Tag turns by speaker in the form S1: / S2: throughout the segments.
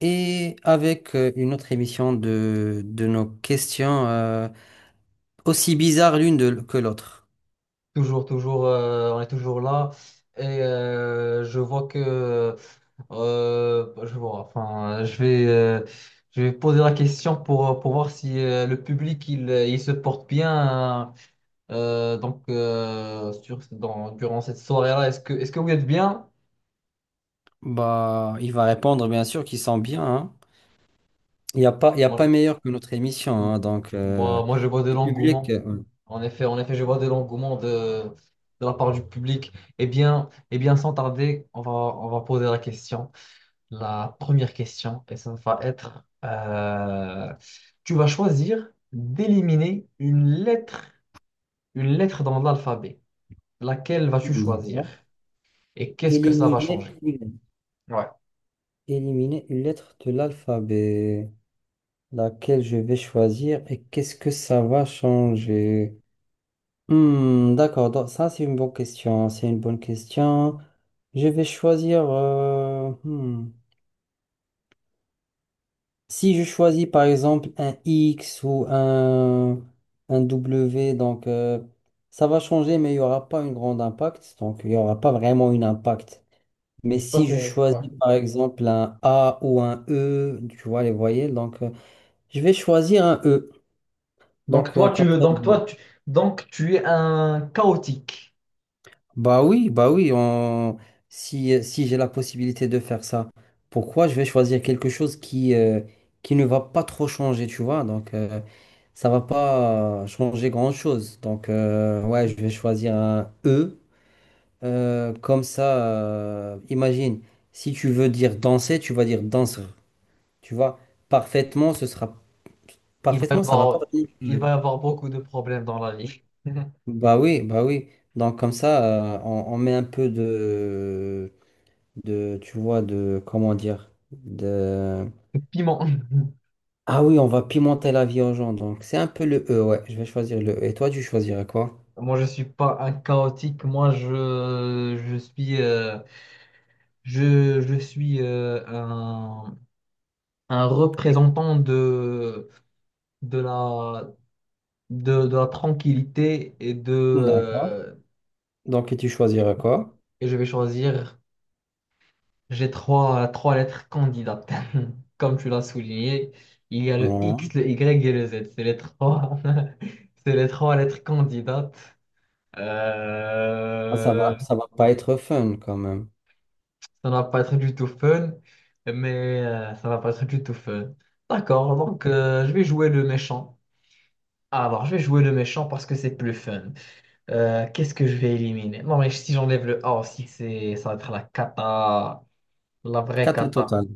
S1: Et avec une autre émission de nos questions, aussi bizarres que l'autre.
S2: Toujours, toujours, on est toujours là. Et je vois je vois, enfin, je vais poser la question pour voir si le public, il se porte bien, hein. Durant cette soirée-là. Est-ce que vous êtes bien?
S1: Bah, il va répondre, bien sûr, qu'il sent bien, hein. Il y a pas
S2: Moi,
S1: meilleur que notre émission, hein,
S2: Moi, je vois de
S1: le public.
S2: l'engouement.
S1: euh,
S2: En effet, je vois de l'engouement de la part du public. Eh bien, sans tarder, on va poser la question. La première question, et ça va être, tu vas choisir d'éliminer une lettre dans l'alphabet. Laquelle vas-tu choisir?
S1: D'accord.
S2: Et qu'est-ce que ça va
S1: Éliminer
S2: changer?
S1: une,
S2: Ouais,
S1: éliminer une lettre de l'alphabet, laquelle je vais choisir et qu'est-ce que ça va changer? Hmm, d'accord, donc ça c'est une bonne question. Je vais choisir, hmm. Si je choisis par exemple un X ou un W, ça va changer, mais il n'y aura pas un grand impact, donc il n'y aura pas vraiment un impact. Mais
S2: ça
S1: si je
S2: c'est.
S1: choisis
S2: Ouais.
S1: par exemple un A ou un E, tu vois les voyelles, je vais choisir un E,
S2: Donc toi, tu
S1: comme
S2: veux.
S1: ça.
S2: Donc tu es un chaotique.
S1: Bah oui, on... Si, si j'ai la possibilité de faire ça, pourquoi je vais choisir quelque chose qui qui ne va pas trop changer, tu vois? Ça va pas changer grand-chose. Donc, ouais, je vais choisir un E. Comme ça, imagine, si tu veux dire danser, tu vas dire danseur. Tu vois, parfaitement, ce sera...
S2: Il va y
S1: Parfaitement, ça va pas
S2: avoir,
S1: vraiment
S2: il
S1: changer.
S2: va y avoir beaucoup de problèmes dans la vie.
S1: Bah oui, bah oui. Donc, comme ça, on met un peu de, tu vois, de, comment dire, de...
S2: Piment.
S1: Ah oui, on va pimenter la vie aux gens, donc c'est un peu le E, ouais, je vais choisir le E. Et toi, tu choisirais quoi?
S2: Moi, je suis pas un chaotique. Moi, je suis, je suis un représentant de la, de la tranquillité
S1: D'accord. Donc, et tu
S2: et
S1: choisirais quoi?
S2: et je vais choisir. J'ai trois lettres candidates. Comme tu l'as souligné, il y a le
S1: Ouais.
S2: X, le Y et le Z. C'est les trois, c'est les trois lettres candidates.
S1: Ah,
S2: Euh,
S1: ça va pas être fun quand même.
S2: Ça va pas être du tout fun, mais ça va pas être du tout fun. D'accord, donc je vais jouer le méchant. Alors, je vais jouer le méchant parce que c'est plus fun. Qu'est-ce que je vais éliminer? Non, mais si j'enlève le A aussi, ça va être la cata, la vraie
S1: Quatre au
S2: cata.
S1: total.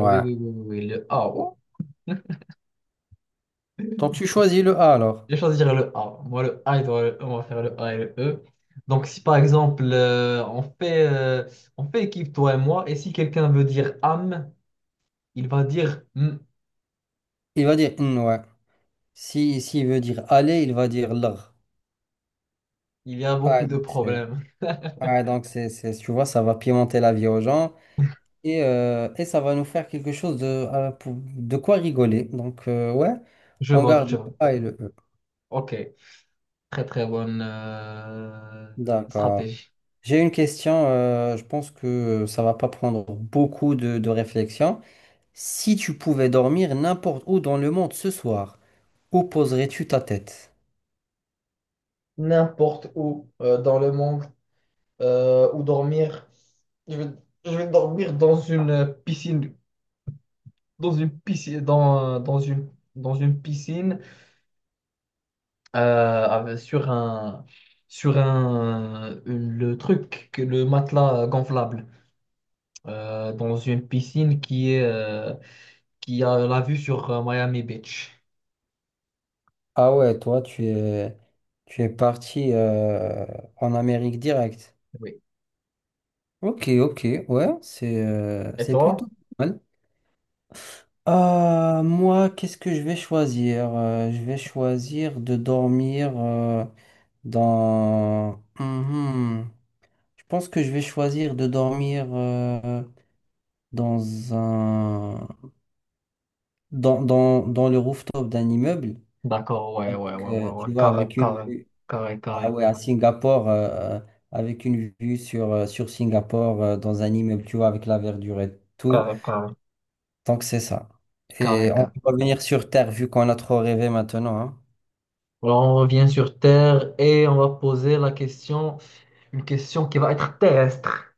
S2: Oui, oui, oui, oui, oui, le A. Oh,
S1: Donc, tu choisis le A alors.
S2: je vais choisir le A. Moi, le A, on va faire le A et le E. Donc, si par exemple, on fait équipe, toi et moi, et si quelqu'un veut dire âme, il va dire hmm,
S1: Il va dire, hmm, ouais. Si, s'il veut dire aller, il va dire l'ar.
S2: il y a
S1: Ah,
S2: beaucoup de
S1: donc c'est,
S2: problèmes.
S1: ah, tu vois, ça va pimenter la vie aux gens. Et ça va nous faire quelque chose de, de quoi rigoler. Donc, ouais,
S2: Je
S1: on
S2: vote,
S1: garde
S2: je
S1: le
S2: vote.
S1: A et le E.
S2: Ok, très très bonne
S1: D'accord.
S2: stratégie.
S1: J'ai une question, je pense que ça va pas prendre beaucoup de réflexion. Si tu pouvais dormir n'importe où dans le monde ce soir, où poserais-tu ta tête?
S2: N'importe où dans le monde, où dormir. Je vais, je vais dormir dans une piscine, dans une piscine, dans une piscine, euh, avec- sur un, le matelas gonflable, dans une piscine qui est, qui a la vue sur Miami Beach.
S1: Ah ouais, tu es parti en Amérique directe.
S2: Oui.
S1: Ok, ok, ouais,
S2: Et
S1: c'est plutôt
S2: toi?
S1: pas mal. Moi, qu'est-ce que je vais choisir? Je vais choisir de dormir dans... Mhm. Je pense que je vais choisir de dormir dans un... dans le rooftop d'un immeuble.
S2: D'accord, ouais, ouais, ouais,
S1: Avec,
S2: ouais, ouais,
S1: tu vois,
S2: carré,
S1: avec une
S2: carré,
S1: vue...
S2: carré,
S1: Ah
S2: carré,
S1: ouais, à Singapour, avec une vue sur, sur Singapour, dans un immeuble, tu vois, avec la verdure et tout.
S2: carré, carré,
S1: Donc c'est ça. Et
S2: carré,
S1: on
S2: carré.
S1: peut revenir sur Terre, vu qu'on a trop rêvé maintenant, hein.
S2: Alors on revient sur Terre et on va poser la question, une question qui va être terrestre.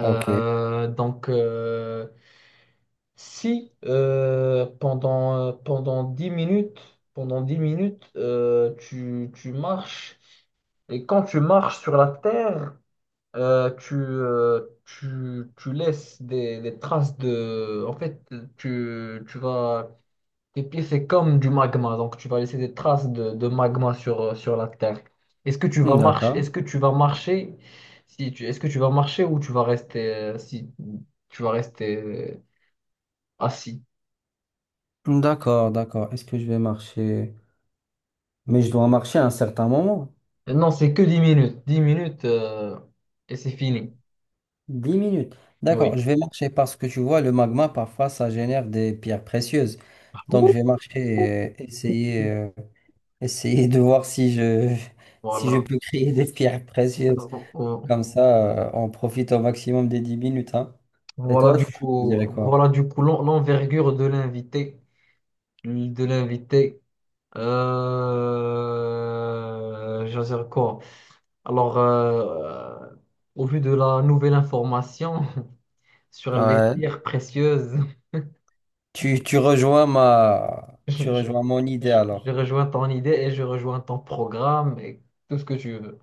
S1: Ok,
S2: donc, euh, Si pendant 10 minutes, pendant 10 minutes tu marches, et quand tu marches sur la terre, tu laisses des traces de... En fait, tu vas, tes pieds, c'est comme du magma, donc tu vas laisser des traces de magma sur, sur la terre. Est-ce que tu vas marcher,
S1: d'accord.
S2: est-ce que tu vas marcher, si tu, est-ce que tu vas marcher ou tu vas rester, si tu vas rester assis?
S1: D'accord, d'accord. Est-ce que je vais marcher? Mais je dois marcher à un certain moment.
S2: Non, c'est que 10 minutes. Dix minutes et c'est fini.
S1: 10 minutes.
S2: Oui,
S1: D'accord, je vais marcher parce que tu vois, le magma, parfois, ça génère des pierres précieuses.
S2: ah
S1: Donc, je
S2: bon,
S1: vais marcher et essayer de voir si je, si je
S2: voilà.
S1: peux créer des pierres précieuses.
S2: Euh,
S1: Comme ça, on profite au maximum des 10 minutes, hein. Et toi, tu dirais quoi?
S2: Voilà du coup l'envergure de l'invité, de l'invité. Je veux dire quoi? Alors, au vu de la nouvelle information sur les
S1: Ouais.
S2: pierres précieuses, je,
S1: Tu
S2: je-
S1: rejoins mon idée alors.
S2: je rejoins ton idée et je rejoins ton programme et tout ce que tu veux.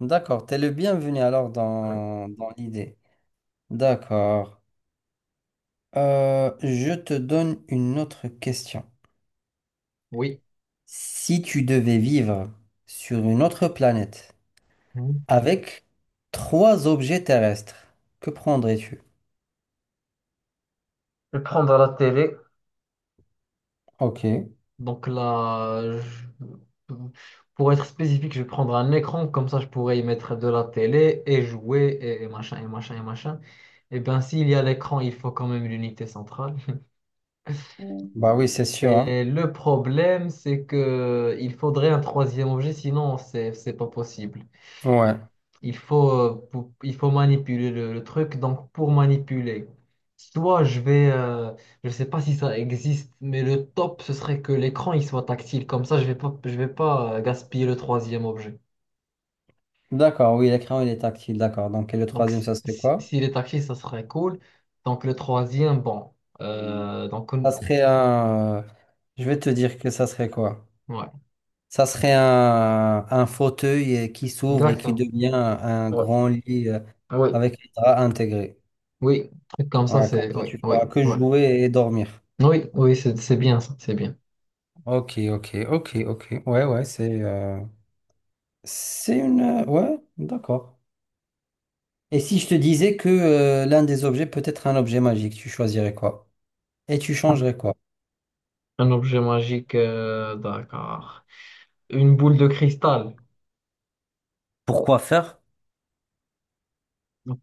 S1: D'accord, t'es le bienvenu alors
S2: Ouais.
S1: dans l'idée. D'accord. Je te donne une autre question.
S2: Oui.
S1: Si tu devais vivre sur une autre planète
S2: Mhm.
S1: avec trois objets terrestres, que prendrais-tu?
S2: Je vais prendre la télé.
S1: Ok.
S2: Donc là, je- pour être spécifique, je vais prendre un écran, comme ça je pourrais y mettre de la télé et jouer, et machin et machin et machin. Et bien, s'il y a l'écran, il faut quand même l'unité centrale.
S1: Bah oui, c'est sûr, hein.
S2: Et le problème, c'est que il faudrait un troisième objet, sinon c'est pas possible.
S1: Ouais.
S2: Il faut il faut manipuler le truc. Donc pour manipuler, soit je vais, je sais pas si ça existe, mais le top ce serait que l'écran il soit tactile. Comme ça, je vais pas gaspiller le troisième objet.
S1: D'accord, oui, l'écran il est tactile, d'accord. Donc et le
S2: Donc
S1: troisième, ça serait quoi?
S2: s'il est tactile, ça serait cool. Donc le troisième, bon, Euh, donc
S1: Ça
S2: on-
S1: serait un... euh, Je vais te dire que ça serait quoi?
S2: ouais,
S1: Ça serait un fauteuil qui s'ouvre et qui
S2: exactement.
S1: devient un
S2: Ouais.
S1: grand lit
S2: Oui,
S1: avec les draps intégrés.
S2: oui, truc comme ça,
S1: Ouais, comme
S2: c'est
S1: ça,
S2: oui,
S1: tu
S2: oui,
S1: pourras que
S2: oui.
S1: jouer et dormir.
S2: Oui, oui, c'est bien ça, c'est bien.
S1: Ok, ok, ok, ok. Ouais, ouais, c'est ouais, d'accord. Et si je te disais que l'un des objets peut être un objet magique, tu choisirais quoi? Et tu changerais quoi?
S2: Un objet magique, d'accord. Une boule de cristal
S1: Pourquoi faire?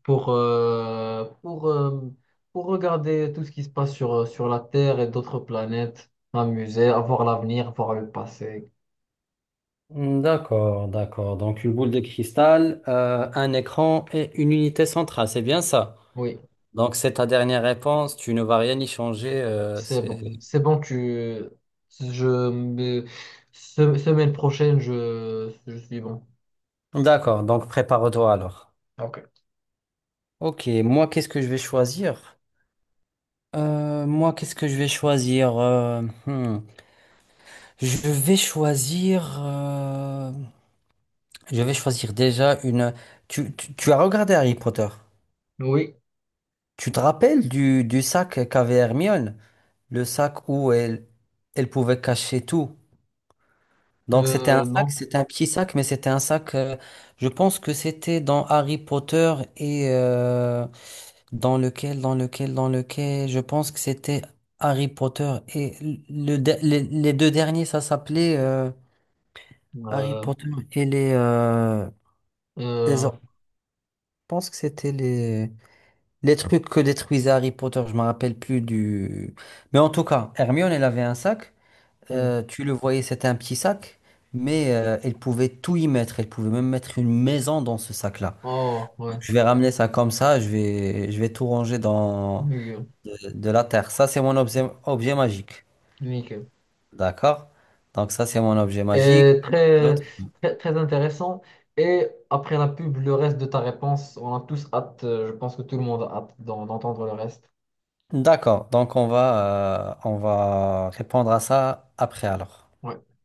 S2: pour, euh, pour, euh, pour regarder tout ce qui se passe sur, sur la Terre et d'autres planètes, m'amuser, avoir l'avenir, voir le passé.
S1: Hmm, d'accord, d'accord. Donc une boule de cristal, un écran et une unité centrale, c'est bien ça?
S2: Oui,
S1: Donc, c'est ta dernière réponse, tu ne vas rien y changer,
S2: c'est bon.
S1: c'est...
S2: C'est bon, tu... Je me- Semaine prochaine, je suis bon.
S1: D'accord, donc prépare-toi alors.
S2: Ok.
S1: Ok, moi, qu'est-ce que je vais choisir? Moi, qu'est-ce que je vais choisir? Hmm, Je vais choisir. Je vais choisir déjà une. Tu as regardé Harry Potter.
S2: Oui,
S1: Tu te rappelles du sac qu'avait Hermione? Le sac où elle, elle pouvait cacher tout. Donc c'était un sac,
S2: non.
S1: c'était un petit sac, mais c'était un sac, je pense que c'était dans Harry Potter et dans lequel, je pense que c'était Harry Potter et les deux derniers, ça s'appelait Harry
S2: Euh,
S1: Potter et les, les
S2: euh,
S1: or- je pense que c'était les trucs que détruisait Harry Potter, je me rappelle plus du... Mais en tout cas, Hermione, elle avait un sac.
S2: hmm.
S1: Tu le voyais, c'était un petit sac, mais elle pouvait tout y mettre. Elle pouvait même mettre une maison dans ce sac-là.
S2: Oh, ouais.
S1: Je vais ramener ça comme ça, je vais tout ranger dans
S2: Nickel.
S1: de la terre. Ça, c'est mon objet magique.
S2: Nickel.
S1: D'accord? Donc ça, c'est mon objet magique.
S2: Et très,
S1: D'autres
S2: très, très intéressant. Et après la pub, le reste de ta réponse, on a tous hâte, je pense que tout le monde a hâte d'entendre le reste.
S1: d'accord. Donc on va répondre à ça après alors.
S2: Ouais.